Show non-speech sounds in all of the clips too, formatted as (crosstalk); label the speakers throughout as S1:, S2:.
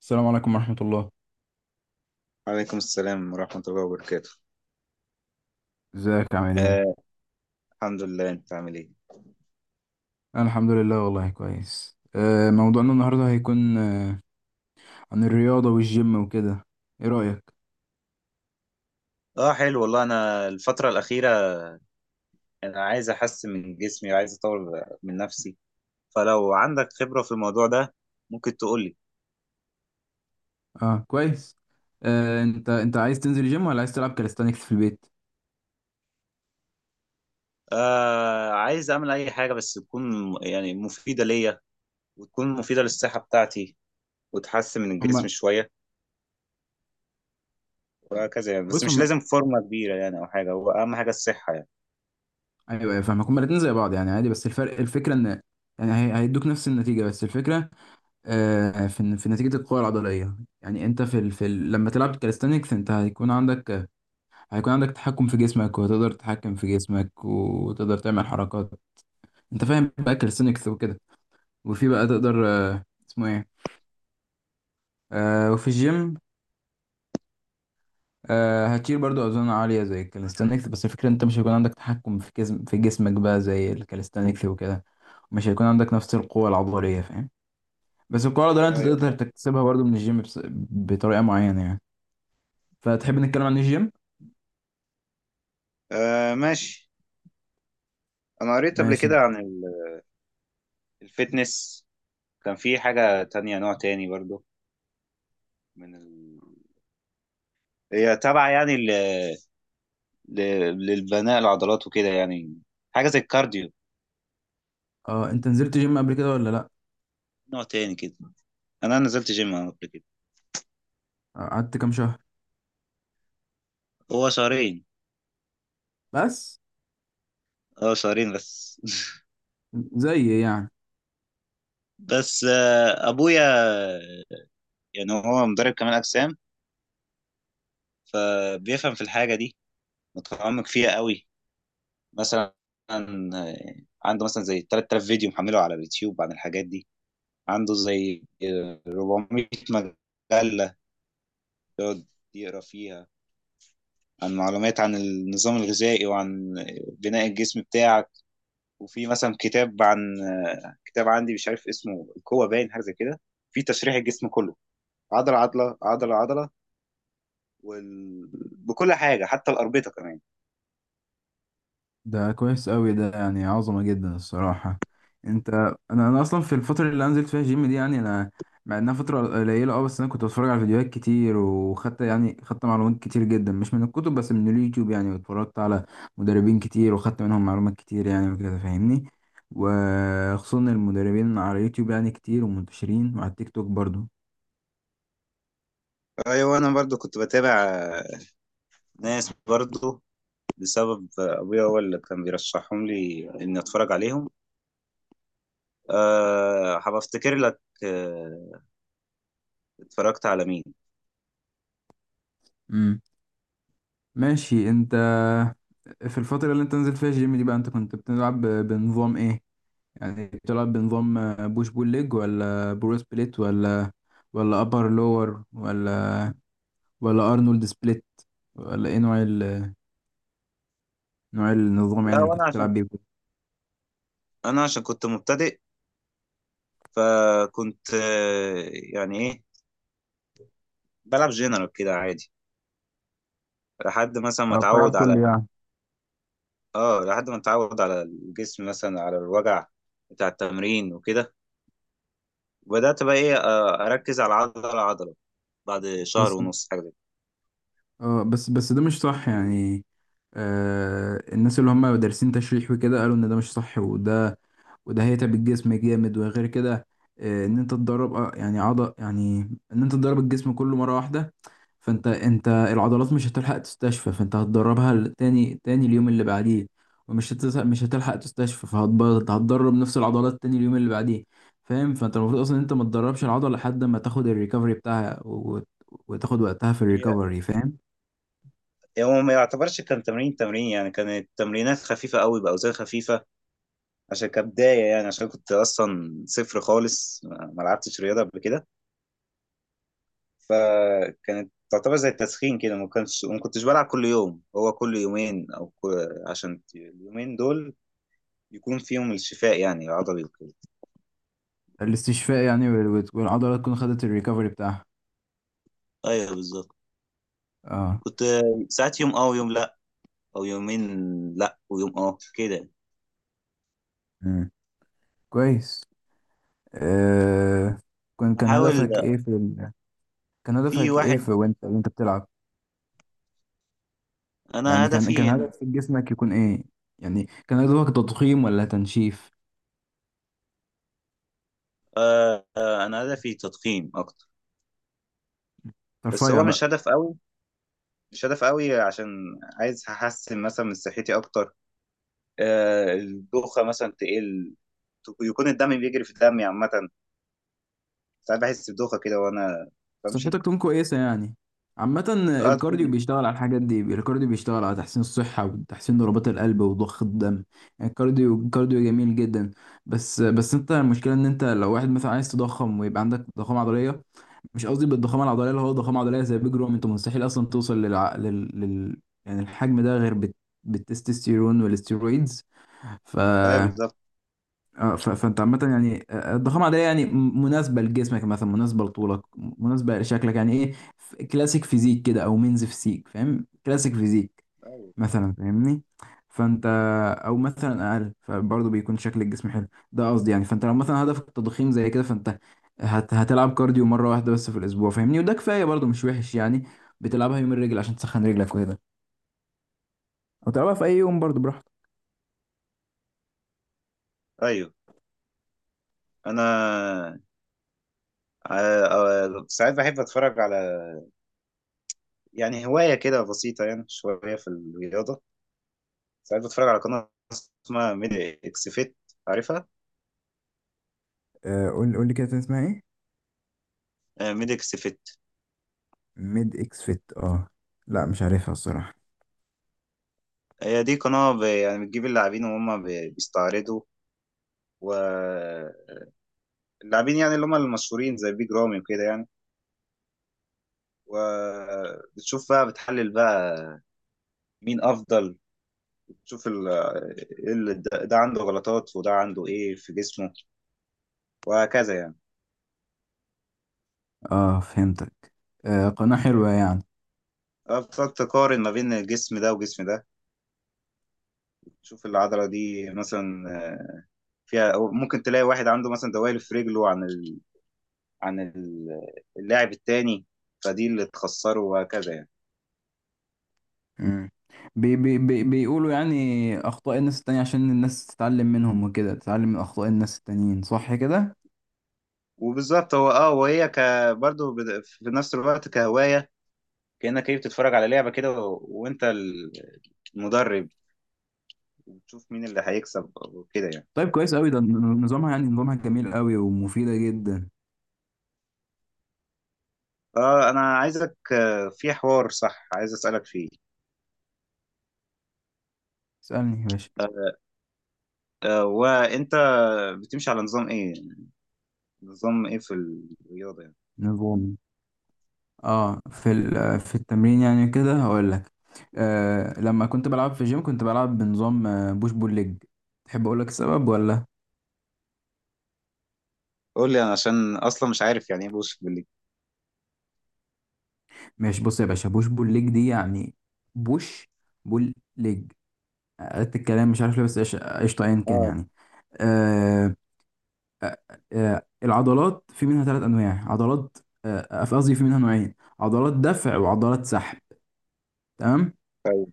S1: السلام عليكم ورحمة الله.
S2: وعليكم السلام ورحمة الله وبركاته.
S1: ازيك عامل ايه؟
S2: آه الحمد لله، انت عامل ايه؟
S1: أنا الحمد لله والله كويس. موضوعنا النهاردة هيكون عن الرياضة والجيم وكده، ايه رأيك؟
S2: اه حلو والله، انا الفترة الأخيرة انا عايز احسن من جسمي وعايز اطور من نفسي، فلو عندك خبرة في الموضوع ده ممكن تقول لي.
S1: اه كويس. انت عايز تنزل الجيم ولا عايز تلعب كاليستانيكس في البيت؟
S2: آه عايز اعمل اي حاجة بس تكون مفيدة ليا وتكون مفيدة للصحة بتاعتي وتحسن من الجسم
S1: هما
S2: شوية وهكذا يعني، بس
S1: بص
S2: مش
S1: هما،
S2: لازم فورمة كبيرة يعني او حاجة، هو اهم حاجة الصحة يعني.
S1: ايوه فاهمك. هما الاتنين زي بعض يعني عادي، بس الفرق الفكرة ان يعني هيدوك نفس النتيجة. بس الفكرة في نتيجة القوة العضلية يعني انت لما تلعب كاليستانيكس انت هيكون عندك تحكم في جسمك، وتقدر تتحكم في جسمك وتقدر تعمل حركات. انت فاهم بقى كاليستنكس وكده. وفي بقى تقدر آه، اسمه ايه آه وفي الجيم، آه، هتشيل برضو اوزان عاليه زي الكاليستانكس، بس الفكره انت مش هيكون عندك تحكم في جسمك بقى زي الكاليستانكس وكده، ومش هيكون عندك نفس القوه العضليه، فاهم؟ بس القوه العضليه انت
S2: ايوه
S1: تقدر
S2: فاهم.
S1: تكتسبها برضو من الجيم بس بطريقه معينه يعني. فتحب نتكلم عن الجيم؟
S2: آه ماشي، انا قريت قبل
S1: ماشي.
S2: كده عن ال- الفيتنس، كان في حاجة تانية نوع تاني برضو من ال... هي تابعة يعني ل... ل... للبناء العضلات وكده يعني، حاجة زي الكارديو،
S1: اه، انت نزلت جيم قبل كده ولا لا؟
S2: نوع تاني كده. أنا نزلت جيم قبل كده.
S1: قعدت كام شهر
S2: هو شهرين.
S1: بس؟
S2: اه شهرين بس. (laughs)
S1: زي يعني
S2: بس أبويا يعني هو مدرب كمال أجسام، فبيفهم في الحاجة دي، متعمق فيها قوي. مثلا آه، عنده مثلا زي 3000 فيديو محمله على اليوتيوب عن الحاجات دي. عنده زي 400 مجلة يقعد يقرا فيها، عن معلومات عن النظام الغذائي وعن بناء الجسم بتاعك. وفي مثلا كتاب عن كتاب عندي مش عارف اسمه، القوة باين حاجة زي كده، في تشريح الجسم كله، عضلة عضلة وال... بكل حاجة حتى الأربطة كمان.
S1: ده كويس قوي، ده يعني عظمة جدا الصراحة. انت، انا اصلا في الفترة اللي أنا نزلت فيها جيم دي، يعني انا مع انها فترة قليلة اه، بس انا كنت بتفرج على فيديوهات كتير، وخدت يعني خدت معلومات كتير جدا مش من الكتب بس من اليوتيوب يعني، واتفرجت على مدربين كتير وخدت منهم معلومات كتير يعني وكده، فاهمني؟ وخصوصا المدربين على اليوتيوب يعني كتير ومنتشرين وعلى التيك توك برضو.
S2: أيوة أنا برضو كنت بتابع ناس برضو، بسبب أبويا هو اللي كان بيرشحهم لي إني أتفرج عليهم. أه هبفتكر لك اتفرجت على مين.
S1: امم ماشي. انت في الفترة اللي انت نزلت فيها الجيم دي بقى، انت كنت بتلعب بنظام ايه؟ يعني بتلعب بنظام بوش بول ليج، ولا برو سبليت، ولا ابر لور، ولا ارنولد سبليت، ولا ايه نوع نوع النظام يعني
S2: لا،
S1: اللي كنت
S2: وأنا عشان
S1: بتلعب بيه؟
S2: أنا عشان كنت مبتدئ، فكنت يعني ايه بلعب جنرال كده عادي، لحد مثلا ما
S1: اه بتلعب
S2: اتعود على،
S1: كله يعني،
S2: اه لحد ما اتعود على الجسم مثلا على الوجع بتاع التمرين وكده، وبدأت بقى ايه آه، اركز على عضلة عضلة بعد شهر
S1: بس
S2: ونص حاجة زي
S1: اه، بس ده مش صح يعني. آه الناس اللي هم دارسين تشريح وكده قالوا ان ده مش صح، وده هيتعب الجسم جامد. وغير كده ان انت تدرب آه، يعني عضل يعني ان انت تدرب الجسم كله مره واحده، فانت انت العضلات مش هتلحق تستشفى، فانت هتدربها تاني اليوم اللي بعديه. مش هتلحق تستشفى، فهتبرد، هتدرب نفس العضلات تاني اليوم اللي بعديه، فاهم؟ فانت المفروض اصلا انت ما تدربش العضله لحد ما تاخد الريكفري بتاعها وتاخد وقتها في
S2: كده.
S1: الريكفري، فاهم؟
S2: هي هو ما يعتبرش كان تمرين يعني، كانت تمرينات خفيفة قوي بأوزان خفيفة عشان كبداية يعني، عشان كنت أصلا صفر خالص ما لعبتش رياضة قبل كده، فكانت تعتبر زي التسخين كده، ما كنتش بلعب كل يوم، هو كل يومين او كل... عشان اليومين دول يكون فيهم الشفاء يعني العضلي وكده.
S1: الاستشفاء يعني، والعضله تكون خدت الريكفري بتاعها.
S2: ايوه بالظبط.
S1: اه.
S2: كنت ساعات يوم اه ويوم لا، او يومين لا ويوم اه كده.
S1: مم. كويس. آه، كان كان
S2: احاول.
S1: هدفك ايه في ال... كان
S2: في
S1: هدفك ايه
S2: واحد،
S1: في وانت وانت بتلعب؟
S2: انا
S1: يعني كان
S2: هدفي
S1: هدف
S2: ان
S1: في جسمك يكون ايه؟ يعني كان هدفك تضخيم ولا تنشيف،
S2: انا هدفي تضخيم اكتر، بس
S1: ترفيع
S2: هو مش
S1: بقى؟
S2: هدف قوي، مش هدف قوي، عشان عايز احسن مثلا من صحتي اكتر. آه الدوخه مثلا تقل، يكون الدم بيجري في دمي عامه، ساعات بحس بدوخة كده وأنا بمشي.
S1: صحتك تكون كويسة يعني عامة.
S2: اه
S1: الكارديو
S2: تكون.
S1: بيشتغل على الحاجات دي، الكارديو بيشتغل على تحسين الصحة وتحسين ضربات القلب وضخ الدم. يعني الكارديو الكارديو جميل جدا. بس انت المشكلة ان انت لو واحد مثلا عايز تضخم ويبقى عندك ضخامة عضلية، مش قصدي بالضخامه العضليه اللي هو ضخامه عضليه زي بيج رامي، انت مستحيل اصلا توصل يعني الحجم ده غير بالتستوستيرون والاستيرويدز. ف...
S2: ايوه بالظبط.
S1: فانت عامه يعني، الضخامه العضليه يعني مناسبه لجسمك، مثلا مناسبه لطولك، مناسبه لشكلك، يعني ايه كلاسيك فيزيك كده، او مينز فيزيك، فاهم كلاسيك فيزيك
S2: ايوه
S1: مثلا؟ فاهمني؟ فانت او مثلا اقل فبرضه بيكون شكل الجسم حلو، ده قصدي يعني. فانت لو مثلا هدفك التضخيم زي كده، فانت هتلعب كارديو مره واحده بس في الاسبوع، فاهمني؟ وده كفايه برضه، مش وحش يعني. بتلعبها يوم الرجل عشان تسخن رجلك وكده، او تلعبها في اي يوم برضه براحتك.
S2: ايوه. انا ساعات بحب اتفرج على، يعني هواية كده بسيطة يعني شوية في الرياضة، ساعات بتفرج على قناة اسمها ميدي اكس فيت، عارفها؟
S1: آه، قول لي كده تاني اسمها ايه؟
S2: ميدي اكس فيت.
S1: ميد اكس فيت، اه؟ لا مش عارفها الصراحة.
S2: هي دي قناة بتجيب اللاعبين وهم بيستعرضوا، واللاعبين يعني اللي هم المشهورين زي بيج رامي وكده يعني، وبتشوف بقى بتحلل بقى مين افضل، شوف ال... إيه اللي ده، ده عنده غلطات وده عنده ايه في جسمه، وهكذا يعني.
S1: اه فهمتك. آه قناه حلوه يعني.
S2: أه، بتقعد تقارن ما بين الجسم ده وجسم ده، تشوف العضلة دي مثلا آه، فيها، أو ممكن تلاقي واحد عنده مثلا دوالي في رجله عن ال... عن ال- اللاعب التاني، فدي اللي تخسره وهكذا يعني.
S1: مم. بي بيقولوا يعني اخطاء الناس التانية عشان الناس تتعلم منهم وكده، تتعلم من اخطاء الناس التانيين، صح كده؟
S2: وبالظبط هو اه. وهي ك برضه في نفس الوقت كهواية، كأنك ايه بتتفرج على لعبة كده و... المدرب، وتشوف مين اللي هيكسب وكده يعني.
S1: طيب كويس قوي ده، نظامها يعني نظامها جميل قوي ومفيدة جدا.
S2: اه انا عايزك في حوار صح عايز اسالك فيه.
S1: اسألني يا باشا.
S2: آه، وانت بتمشي على نظام ايه، نظام ايه في الرياضه يعني.
S1: نظام، اه في في التمرين يعني، كده هقول لك. آه لما كنت بلعب في الجيم كنت بلعب بنظام بوش بول ليج. تحب اقول لك السبب ولا؟
S2: قول لي انا عشان اصلا مش عارف يعني ايه بوش بالليج.
S1: ماشي، بص يا باشا، بوش بول ليج دي يعني بوش بول ليج، قلت الكلام مش عارف ليه بس قشطه ايا كان
S2: اه.
S1: يعني. آه العضلات في منها ثلاث انواع عضلات، قصدي في منها نوعين، عضلات دفع وعضلات سحب، تمام؟
S2: طيب.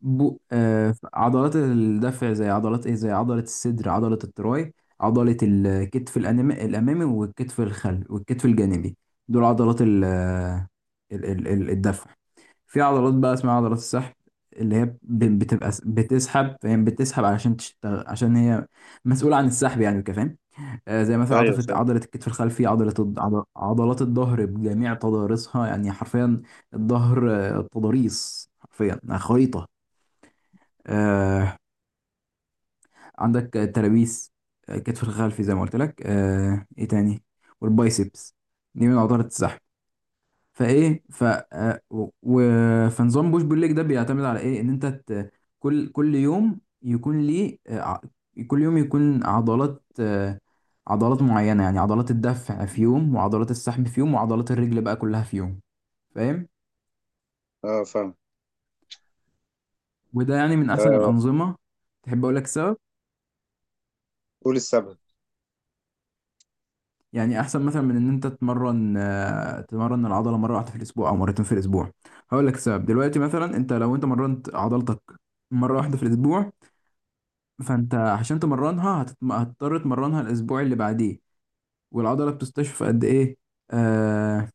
S1: بو آه عضلات الدفع زي عضلات ايه، زي عضلة الصدر، عضلة التراي، عضلة الأمامي، والكتف الخلفي، والكتف الجانبي، دول عضلات ال آه، ال ال ال- الدفع. في عضلات بقى اسمها عضلات السحب، اللي هي بتبقى بتسحب، فاهم؟ بتسحب علشان تشتغل، عشان هي مسؤولة عن السحب يعني وكده، فاهم؟ آه زي مثلا
S2: ايوه
S1: عضلة
S2: فاهم.
S1: عضلة الكتف الخلفي، عضلات الظهر بجميع تضاريسها يعني حرفيا. الظهر تضاريس حرفيا، خريطة. آه عندك الترابيس، كتف الخلفي زي ما قلت لك، آه ايه تاني، والبايسبس، دي من عضلة السحب. فايه ف آه، و... و- فنظام بوش بول ليج ده بيعتمد على ايه، ان انت كل يوم يكون ليه كل يوم يكون عضلات عضلات معينة، يعني عضلات الدفع في يوم، وعضلات السحب في يوم، وعضلات الرجل بقى كلها في يوم، فاهم؟
S2: اه فاهم.
S1: وده يعني من احسن
S2: آه
S1: الانظمة. تحب اقول لك سبب؟
S2: قول السبب.
S1: يعني احسن مثلا من ان انت تتمرن تمرن العضله مره واحده في الاسبوع او مرتين في الاسبوع. هقول لك السبب دلوقتي، مثلا انت لو انت مرنت عضلتك مره واحده في الاسبوع، فانت عشان تمرنها هتضطر تمرنها الاسبوع اللي بعديه. والعضله بتستشفى قد ايه؟ آه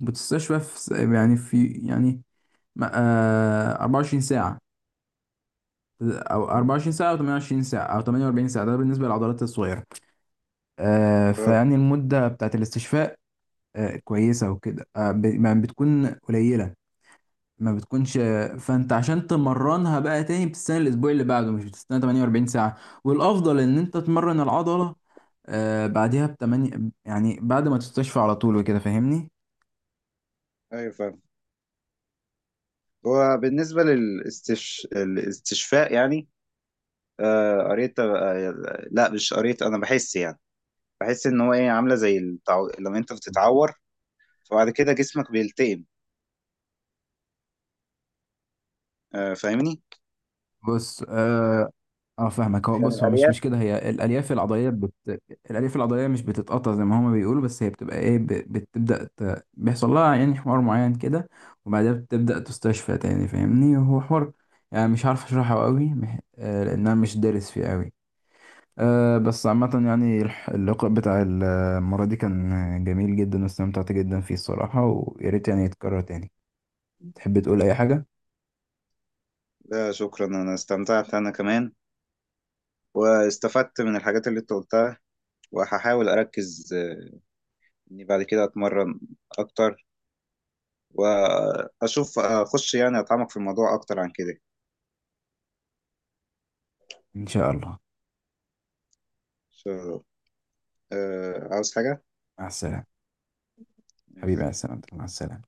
S1: بتستشفى في يعني في يعني 24 ساعه او 24 ساعه او 28 ساعه او 48 ساعه، ده بالنسبه للعضلات الصغيره. آه
S2: اه
S1: فيعني المده بتاعت الاستشفاء كويسة وكده، ما بتكون قليلة، ما بتكونش. فانت عشان تمرنها بقى تاني بتستنى الاسبوع اللي بعده، مش بتستنى 48 ساعة. والافضل ان انت تمرن العضلة بعدها بتمانية، يعني بعد ما تستشفى على طول وكده، فاهمني؟
S2: ايوه فاهم. هو بالنسبه للاستش... الاستشفاء يعني، آه قريت آه، لا مش قريت، انا بحس يعني، بحس ان هو ايه، عامله زي التعو... لما انت بتتعور فبعد كده جسمك بيلتئم، آه فاهمني،
S1: بص اه، آه فاهمك، هو
S2: يعني
S1: بص هو مش
S2: الالياف.
S1: كده، هي الالياف العضليه الالياف العضليه مش بتتقطع زي ما هما بيقولوا، بس هي بتبقى ايه بتبدا بيحصل لها يعني حوار معين كده، وبعدها بتبدا تستشفى تاني، فاهمني؟ هو حوار يعني مش عارف اشرحه قوي مح... آه لان انا مش دارس فيه قوي. آه بس عامه يعني اللقاء بتاع المره دي كان جميل جدا، واستمتعت جدا فيه الصراحه، ويا ريت يعني يتكرر تاني. تحب تقول اي حاجه؟
S2: لا شكرا، انا استمتعت انا كمان، واستفدت من الحاجات اللي انت قلتها، وهحاول اركز اني بعد كده اتمرن اكتر، واشوف اخش يعني اتعمق في الموضوع اكتر عن كده.
S1: ان شاء الله.
S2: شو عاوز حاجة؟
S1: مع السلامه، حبيبي مع السلامه، مع السلامه.